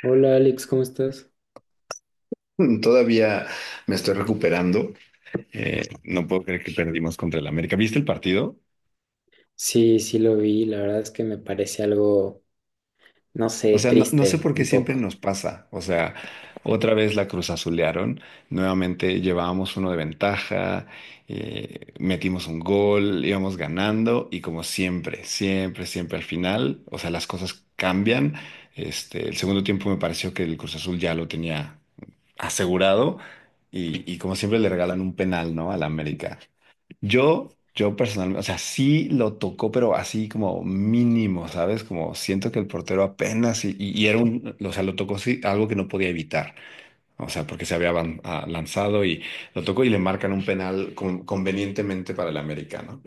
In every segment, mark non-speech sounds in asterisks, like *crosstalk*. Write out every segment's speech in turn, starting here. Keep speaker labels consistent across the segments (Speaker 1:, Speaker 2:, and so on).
Speaker 1: Hola Alex, ¿cómo estás?
Speaker 2: *laughs* Todavía me estoy recuperando. No puedo creer que perdimos contra el América. ¿Viste el partido?
Speaker 1: Sí, sí lo vi, la verdad es que me parece algo, no
Speaker 2: O
Speaker 1: sé,
Speaker 2: sea, no, no sé
Speaker 1: triste
Speaker 2: por qué
Speaker 1: un
Speaker 2: siempre
Speaker 1: poco.
Speaker 2: nos pasa. O sea, otra vez la Cruz Azulearon. Nuevamente llevábamos uno de ventaja, metimos un gol, íbamos ganando y como siempre, siempre, siempre al final, o sea, las cosas cambian. Este, el segundo tiempo me pareció que el Cruz Azul ya lo tenía asegurado y como siempre le regalan un penal, ¿no? Al América. Yo personalmente, o sea, sí lo tocó, pero así como mínimo, ¿sabes? Como siento que el portero apenas y era un, o sea, lo tocó sí, algo que no podía evitar, o sea, porque se había lanzado y lo tocó y le marcan un penal convenientemente para el americano.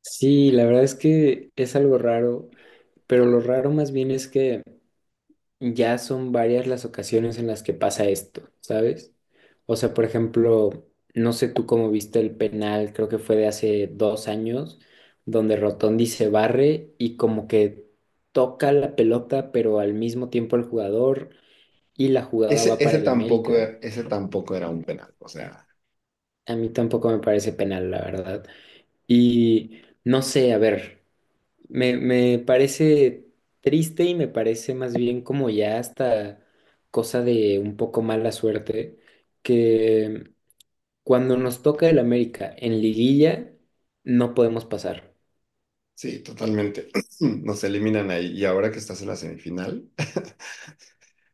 Speaker 1: Sí, la verdad es que es algo raro, pero lo raro más bien es que ya son varias las ocasiones en las que pasa esto, ¿sabes? O sea, por ejemplo, no sé tú cómo viste el penal, creo que fue de hace 2 años, donde Rotondi se barre y como que toca la pelota, pero al mismo tiempo el jugador y la jugada
Speaker 2: Ese,
Speaker 1: va para
Speaker 2: ese
Speaker 1: el
Speaker 2: tampoco,
Speaker 1: América.
Speaker 2: ese tampoco era un penal, o sea,
Speaker 1: A mí tampoco me parece penal, la verdad. Y no sé, a ver, me parece triste y me parece más bien como ya hasta cosa de un poco mala suerte, que cuando nos toca el América en liguilla, no podemos pasar.
Speaker 2: sí, totalmente. *clears throat* Nos eliminan ahí y ahora que estás en la semifinal.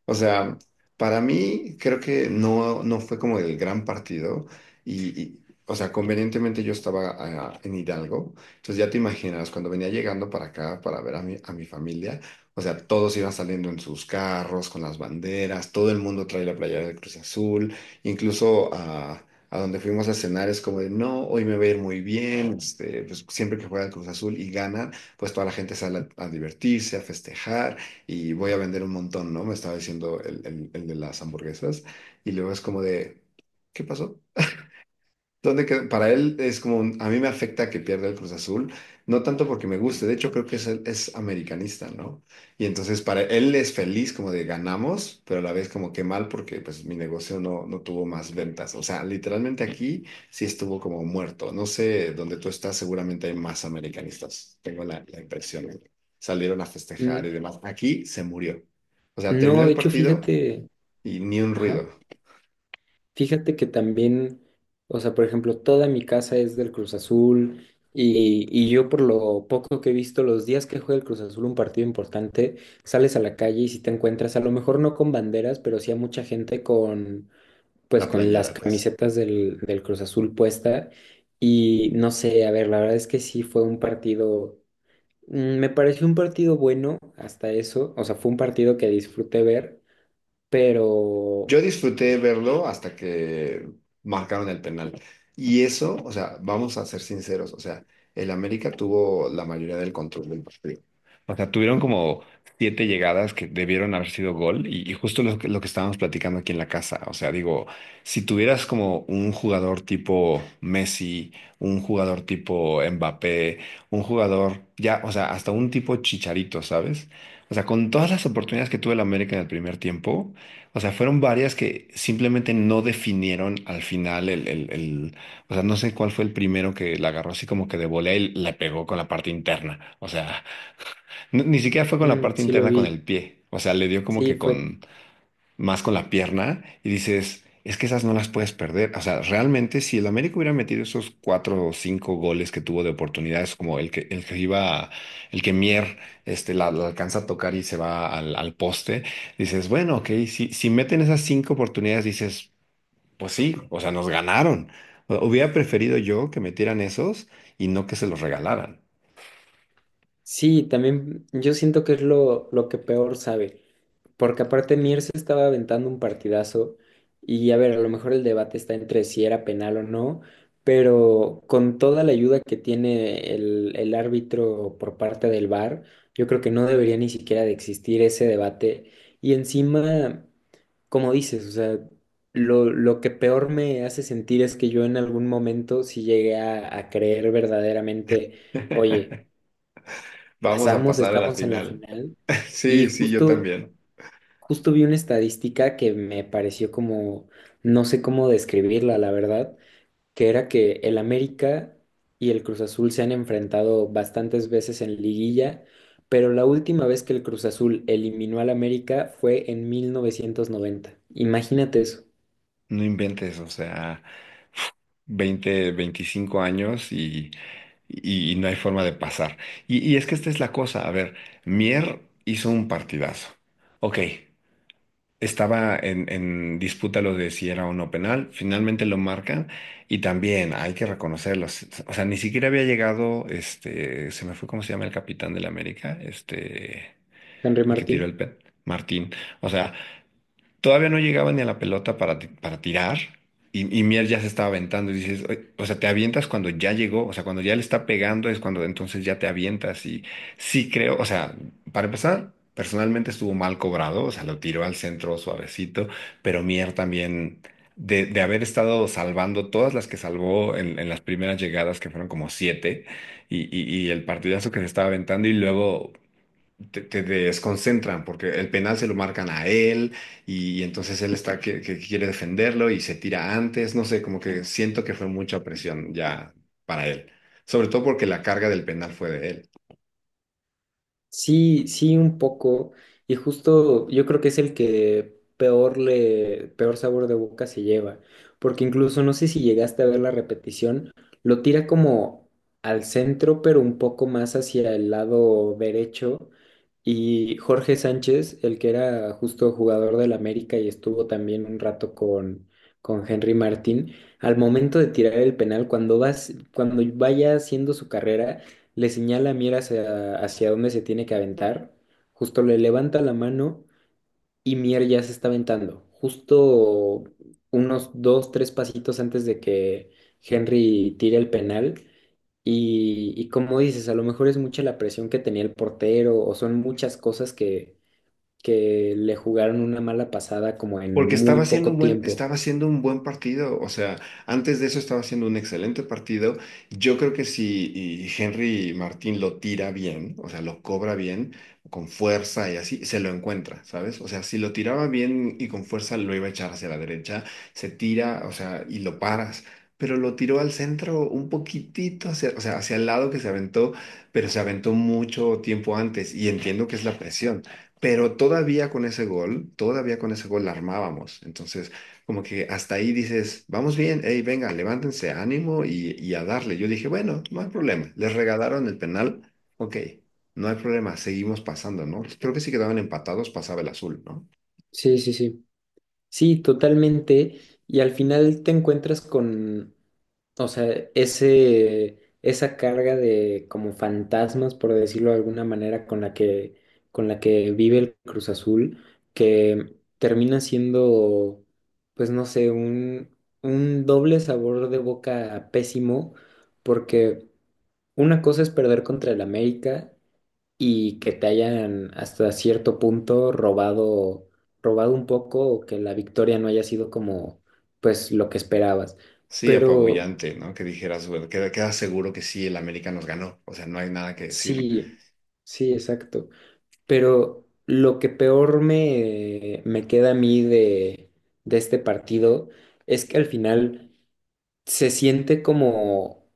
Speaker 2: O sea, para mí creo que no, no fue como el gran partido o sea, convenientemente yo estaba en Hidalgo, entonces ya te imaginas, cuando venía llegando para acá para ver a mi familia, o sea, todos iban saliendo en sus carros con las banderas, todo el mundo trae la playera de Cruz Azul, incluso a donde fuimos a cenar es como de, no, hoy me va a ir muy bien, este, pues siempre que juega el Cruz Azul y gana, pues toda la gente sale a divertirse, a festejar y voy a vender un montón, ¿no? Me estaba diciendo el de las hamburguesas. Y luego es como de, ¿qué pasó? Para él es como, a mí me afecta que pierda el Cruz Azul, no tanto porque me guste, de hecho creo que es americanista, ¿no? Y entonces para él es feliz como de ganamos, pero a la vez como que mal porque pues mi negocio no, no tuvo más ventas. O sea, literalmente aquí sí estuvo como muerto. No sé, donde tú estás seguramente hay más americanistas, tengo la impresión. Salieron a festejar
Speaker 1: N-
Speaker 2: y demás. Aquí se murió. O sea, terminó
Speaker 1: No,
Speaker 2: el
Speaker 1: de hecho,
Speaker 2: partido
Speaker 1: fíjate,
Speaker 2: y ni un
Speaker 1: ajá.
Speaker 2: ruido.
Speaker 1: Fíjate que también, o sea, por ejemplo, toda mi casa es del Cruz Azul y yo por lo poco que he visto, los días que juega el Cruz Azul un partido importante, sales a la calle y si te encuentras, a lo mejor no con banderas, pero sí a mucha gente con, pues
Speaker 2: La
Speaker 1: con las
Speaker 2: playera, pues.
Speaker 1: camisetas del Cruz Azul puesta y no sé, a ver, la verdad es que sí fue un partido, me pareció un partido bueno hasta eso, o sea, fue un partido que disfruté ver, pero
Speaker 2: Yo disfruté verlo hasta que marcaron el penal. Y eso, o sea, vamos a ser sinceros, o sea, el América tuvo la mayoría del control del partido. O sea, tuvieron como siete llegadas que debieron haber sido gol y justo que lo que estábamos platicando aquí en la casa. O sea, digo, si tuvieras como un jugador tipo Messi, un jugador tipo Mbappé, un jugador ya, o sea, hasta un tipo Chicharito, ¿sabes? O sea, con todas las oportunidades que tuvo el América en el primer tiempo. O sea, fueron varias que simplemente no definieron al final o sea, no sé cuál fue el primero que la agarró así como que de volea y le pegó con la parte interna. O sea, ni siquiera fue con la
Speaker 1: mm,
Speaker 2: parte
Speaker 1: sí lo
Speaker 2: interna con el
Speaker 1: vi.
Speaker 2: pie. O sea, le dio como
Speaker 1: Sí,
Speaker 2: que
Speaker 1: fue
Speaker 2: con, más con la pierna y dices, es que esas no las puedes perder. O sea, realmente si el América hubiera metido esos cuatro o cinco goles que tuvo de oportunidades, como el que iba, el que Mier este, la alcanza a tocar y se va al poste, dices, bueno, ok, si meten esas cinco oportunidades, dices, pues sí, o sea, nos ganaron. Hubiera preferido yo que metieran esos y no que se los regalaran.
Speaker 1: sí, también yo siento que es lo que peor sabe, porque aparte Mier se estaba aventando un partidazo y a ver, a lo mejor el debate está entre si era penal o no, pero con toda la ayuda que tiene el árbitro por parte del VAR, yo creo que no debería ni siquiera de existir ese debate y encima como dices, o sea, lo que peor me hace sentir es que yo en algún momento sí llegué a creer verdaderamente, oye,
Speaker 2: *laughs* Vamos a
Speaker 1: pasamos,
Speaker 2: pasar a la
Speaker 1: estamos en la
Speaker 2: final.
Speaker 1: final
Speaker 2: *laughs*
Speaker 1: y
Speaker 2: Sí, sí, yo
Speaker 1: justo,
Speaker 2: también.
Speaker 1: justo vi una estadística que me pareció como, no sé cómo describirla, la verdad, que era que el América y el Cruz Azul se han enfrentado bastantes veces en liguilla, pero la última vez que el Cruz Azul eliminó al América fue en 1990. Imagínate eso,
Speaker 2: No inventes, o sea, 20, 25 años y no hay forma de pasar. Y es que esta es la cosa, a ver, Mier hizo un partidazo. Ok, estaba en disputa lo de si era o no penal, finalmente lo marcan y también hay que reconocerlo. O sea, ni siquiera había llegado, este, se me fue cómo se llama el capitán del América, este,
Speaker 1: Henry
Speaker 2: el que tiró
Speaker 1: Martín.
Speaker 2: Martín. O sea, todavía no llegaba ni a la pelota para, para tirar y Mier ya se estaba aventando y dices, "Oye", o sea, te avientas cuando ya llegó, o sea, cuando ya le está pegando es cuando entonces ya te avientas y sí creo, o sea, para empezar, personalmente estuvo mal cobrado, o sea, lo tiró al centro suavecito, pero Mier también, de haber estado salvando todas las que salvó en las primeras llegadas, que fueron como siete, y el partidazo que se estaba aventando y luego te desconcentran porque el penal se lo marcan a él entonces él está que quiere defenderlo y se tira antes, no sé, como que siento que fue mucha presión ya para él, sobre todo porque la carga del penal fue de él.
Speaker 1: Sí, sí, un poco. Y justo yo creo que es el que peor le, peor sabor de boca se lleva. Porque incluso no sé si llegaste a ver la repetición, lo tira como al centro, pero un poco más hacia el lado derecho. Y Jorge Sánchez, el que era justo jugador del América y estuvo también un rato con Henry Martín, al momento de tirar el penal, cuando vas, cuando vaya haciendo su carrera le señala a Mier hacia, hacia dónde se tiene que aventar, justo le levanta la mano y Mier ya se está aventando, justo unos dos, tres pasitos antes de que Henry tire el penal. Y como dices, a lo mejor es mucha la presión que tenía el portero o son muchas cosas que le jugaron una mala pasada como en
Speaker 2: Porque estaba
Speaker 1: muy
Speaker 2: haciendo
Speaker 1: poco
Speaker 2: un buen,
Speaker 1: tiempo.
Speaker 2: estaba haciendo un buen partido, o sea, antes de eso estaba haciendo un excelente partido. Yo creo que si y Henry Martín lo tira bien, o sea, lo cobra bien, con fuerza y así, se lo encuentra, ¿sabes? O sea, si lo tiraba bien y con fuerza lo iba a echar hacia la derecha, se tira, o sea, y lo paras. Pero lo tiró al centro un poquitito hacia, o sea, hacia el lado que se aventó, pero se aventó mucho tiempo antes y entiendo que es la presión. Pero todavía con ese gol, todavía con ese gol la armábamos. Entonces, como que hasta ahí dices, vamos bien, hey, venga, levántense, ánimo y a darle. Yo dije, bueno, no hay problema. Les regalaron el penal, ok, no hay problema, seguimos pasando, ¿no? Pues creo que si quedaban empatados pasaba el azul, ¿no?
Speaker 1: Sí, sí, sí. Sí, totalmente. Y al final te encuentras con, o sea, ese, esa carga de como fantasmas, por decirlo de alguna manera, con la que vive el Cruz Azul, que termina siendo, pues no sé, un doble sabor de boca pésimo, porque una cosa es perder contra el América y que te hayan hasta cierto punto robado, robado un poco o que la victoria no haya sido como, pues lo que esperabas.
Speaker 2: Sí,
Speaker 1: Pero
Speaker 2: apabullante, ¿no? Que dijeras, bueno, queda seguro que sí, el América nos ganó. O sea, no hay nada que decir.
Speaker 1: sí, sí, exacto. Pero lo que peor me queda a mí de este partido es que al final se siente como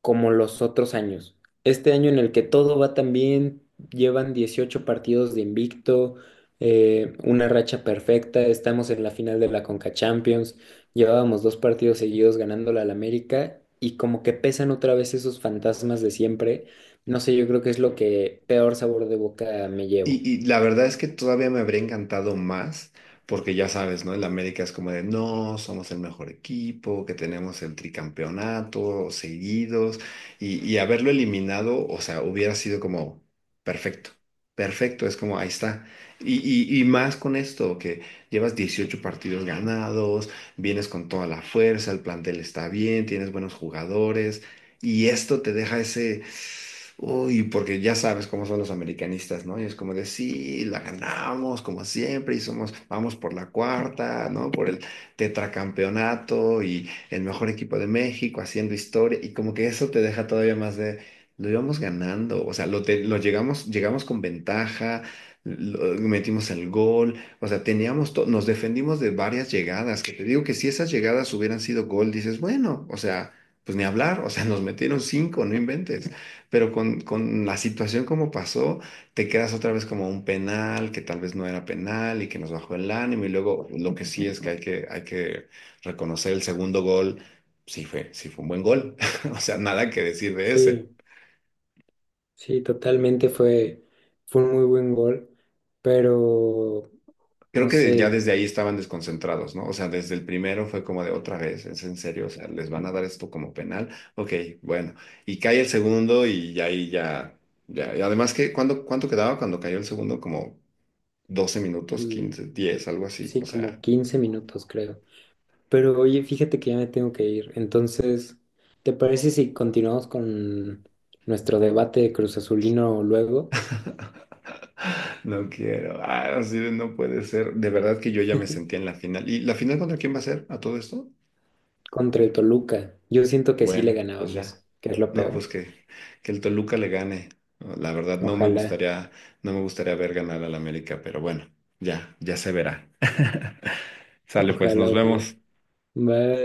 Speaker 1: como los otros años. Este año en el que todo va tan bien, llevan 18 partidos de invicto, una racha perfecta, estamos en la final de la Conca Champions, llevábamos dos partidos seguidos ganándola al América y como que pesan otra vez esos fantasmas de siempre. No sé, yo creo que es lo que peor sabor de boca me llevo.
Speaker 2: Y la verdad es que todavía me habría encantado más, porque ya sabes, ¿no? El América es como de, no, somos el mejor equipo, que tenemos el tricampeonato seguidos, y haberlo eliminado, o sea, hubiera sido como perfecto, perfecto, es como, ahí está. Y, y más con esto, que llevas 18 partidos ganados, vienes con toda la fuerza, el plantel está bien, tienes buenos jugadores. Y esto te deja ese, uy, porque ya sabes cómo son los americanistas, ¿no? Y es como de, sí, la ganamos como siempre y somos, vamos por la cuarta, ¿no? Por el tetracampeonato y el mejor equipo de México haciendo historia y como que eso te deja todavía más de, lo íbamos ganando, o sea, lo, lo llegamos, llegamos con ventaja, metimos el gol, o sea, teníamos, nos defendimos de varias llegadas, que te digo que si esas llegadas hubieran sido gol, dices, bueno, o sea pues ni hablar, o sea, nos metieron cinco, no inventes. Pero con la situación como pasó, te quedas otra vez como un penal, que tal vez no era penal y que nos bajó el ánimo. Y luego lo que sí es que hay que reconocer el segundo gol, sí fue un buen gol, *laughs* o sea, nada que decir de ese.
Speaker 1: Sí, sí, totalmente fue, fue un muy buen gol, pero
Speaker 2: Creo
Speaker 1: no
Speaker 2: que ya
Speaker 1: sé.
Speaker 2: desde ahí estaban desconcentrados, ¿no? O sea, desde el primero fue como de otra vez, es en serio, o sea, les van a dar esto como penal. Ok, bueno. Y cae el segundo y ya ahí ya, ya. Y además que, ¿ cuánto quedaba cuando cayó el segundo? Como 12 minutos,
Speaker 1: Mm,
Speaker 2: 15, 10 algo así.
Speaker 1: sí,
Speaker 2: O sea,
Speaker 1: como 15 minutos creo. Pero oye, fíjate que ya me tengo que ir. Entonces, ¿te parece si continuamos con nuestro debate de Cruz Azulino luego
Speaker 2: no quiero. Ah, así de no puede ser. De verdad que yo ya me sentía en la final. ¿Y la final contra quién va a ser a todo esto?
Speaker 1: contra el Toluca? Yo siento que sí le
Speaker 2: Bueno, pues ya.
Speaker 1: ganábamos, que es lo
Speaker 2: No, pues
Speaker 1: peor.
Speaker 2: que el Toluca le gane. No, la verdad, no me
Speaker 1: Ojalá,
Speaker 2: gustaría, no me gustaría ver ganar al América, pero bueno, ya, ya se verá. *laughs* Sale, pues,
Speaker 1: ojalá,
Speaker 2: nos
Speaker 1: ojalá.
Speaker 2: vemos.
Speaker 1: Bye.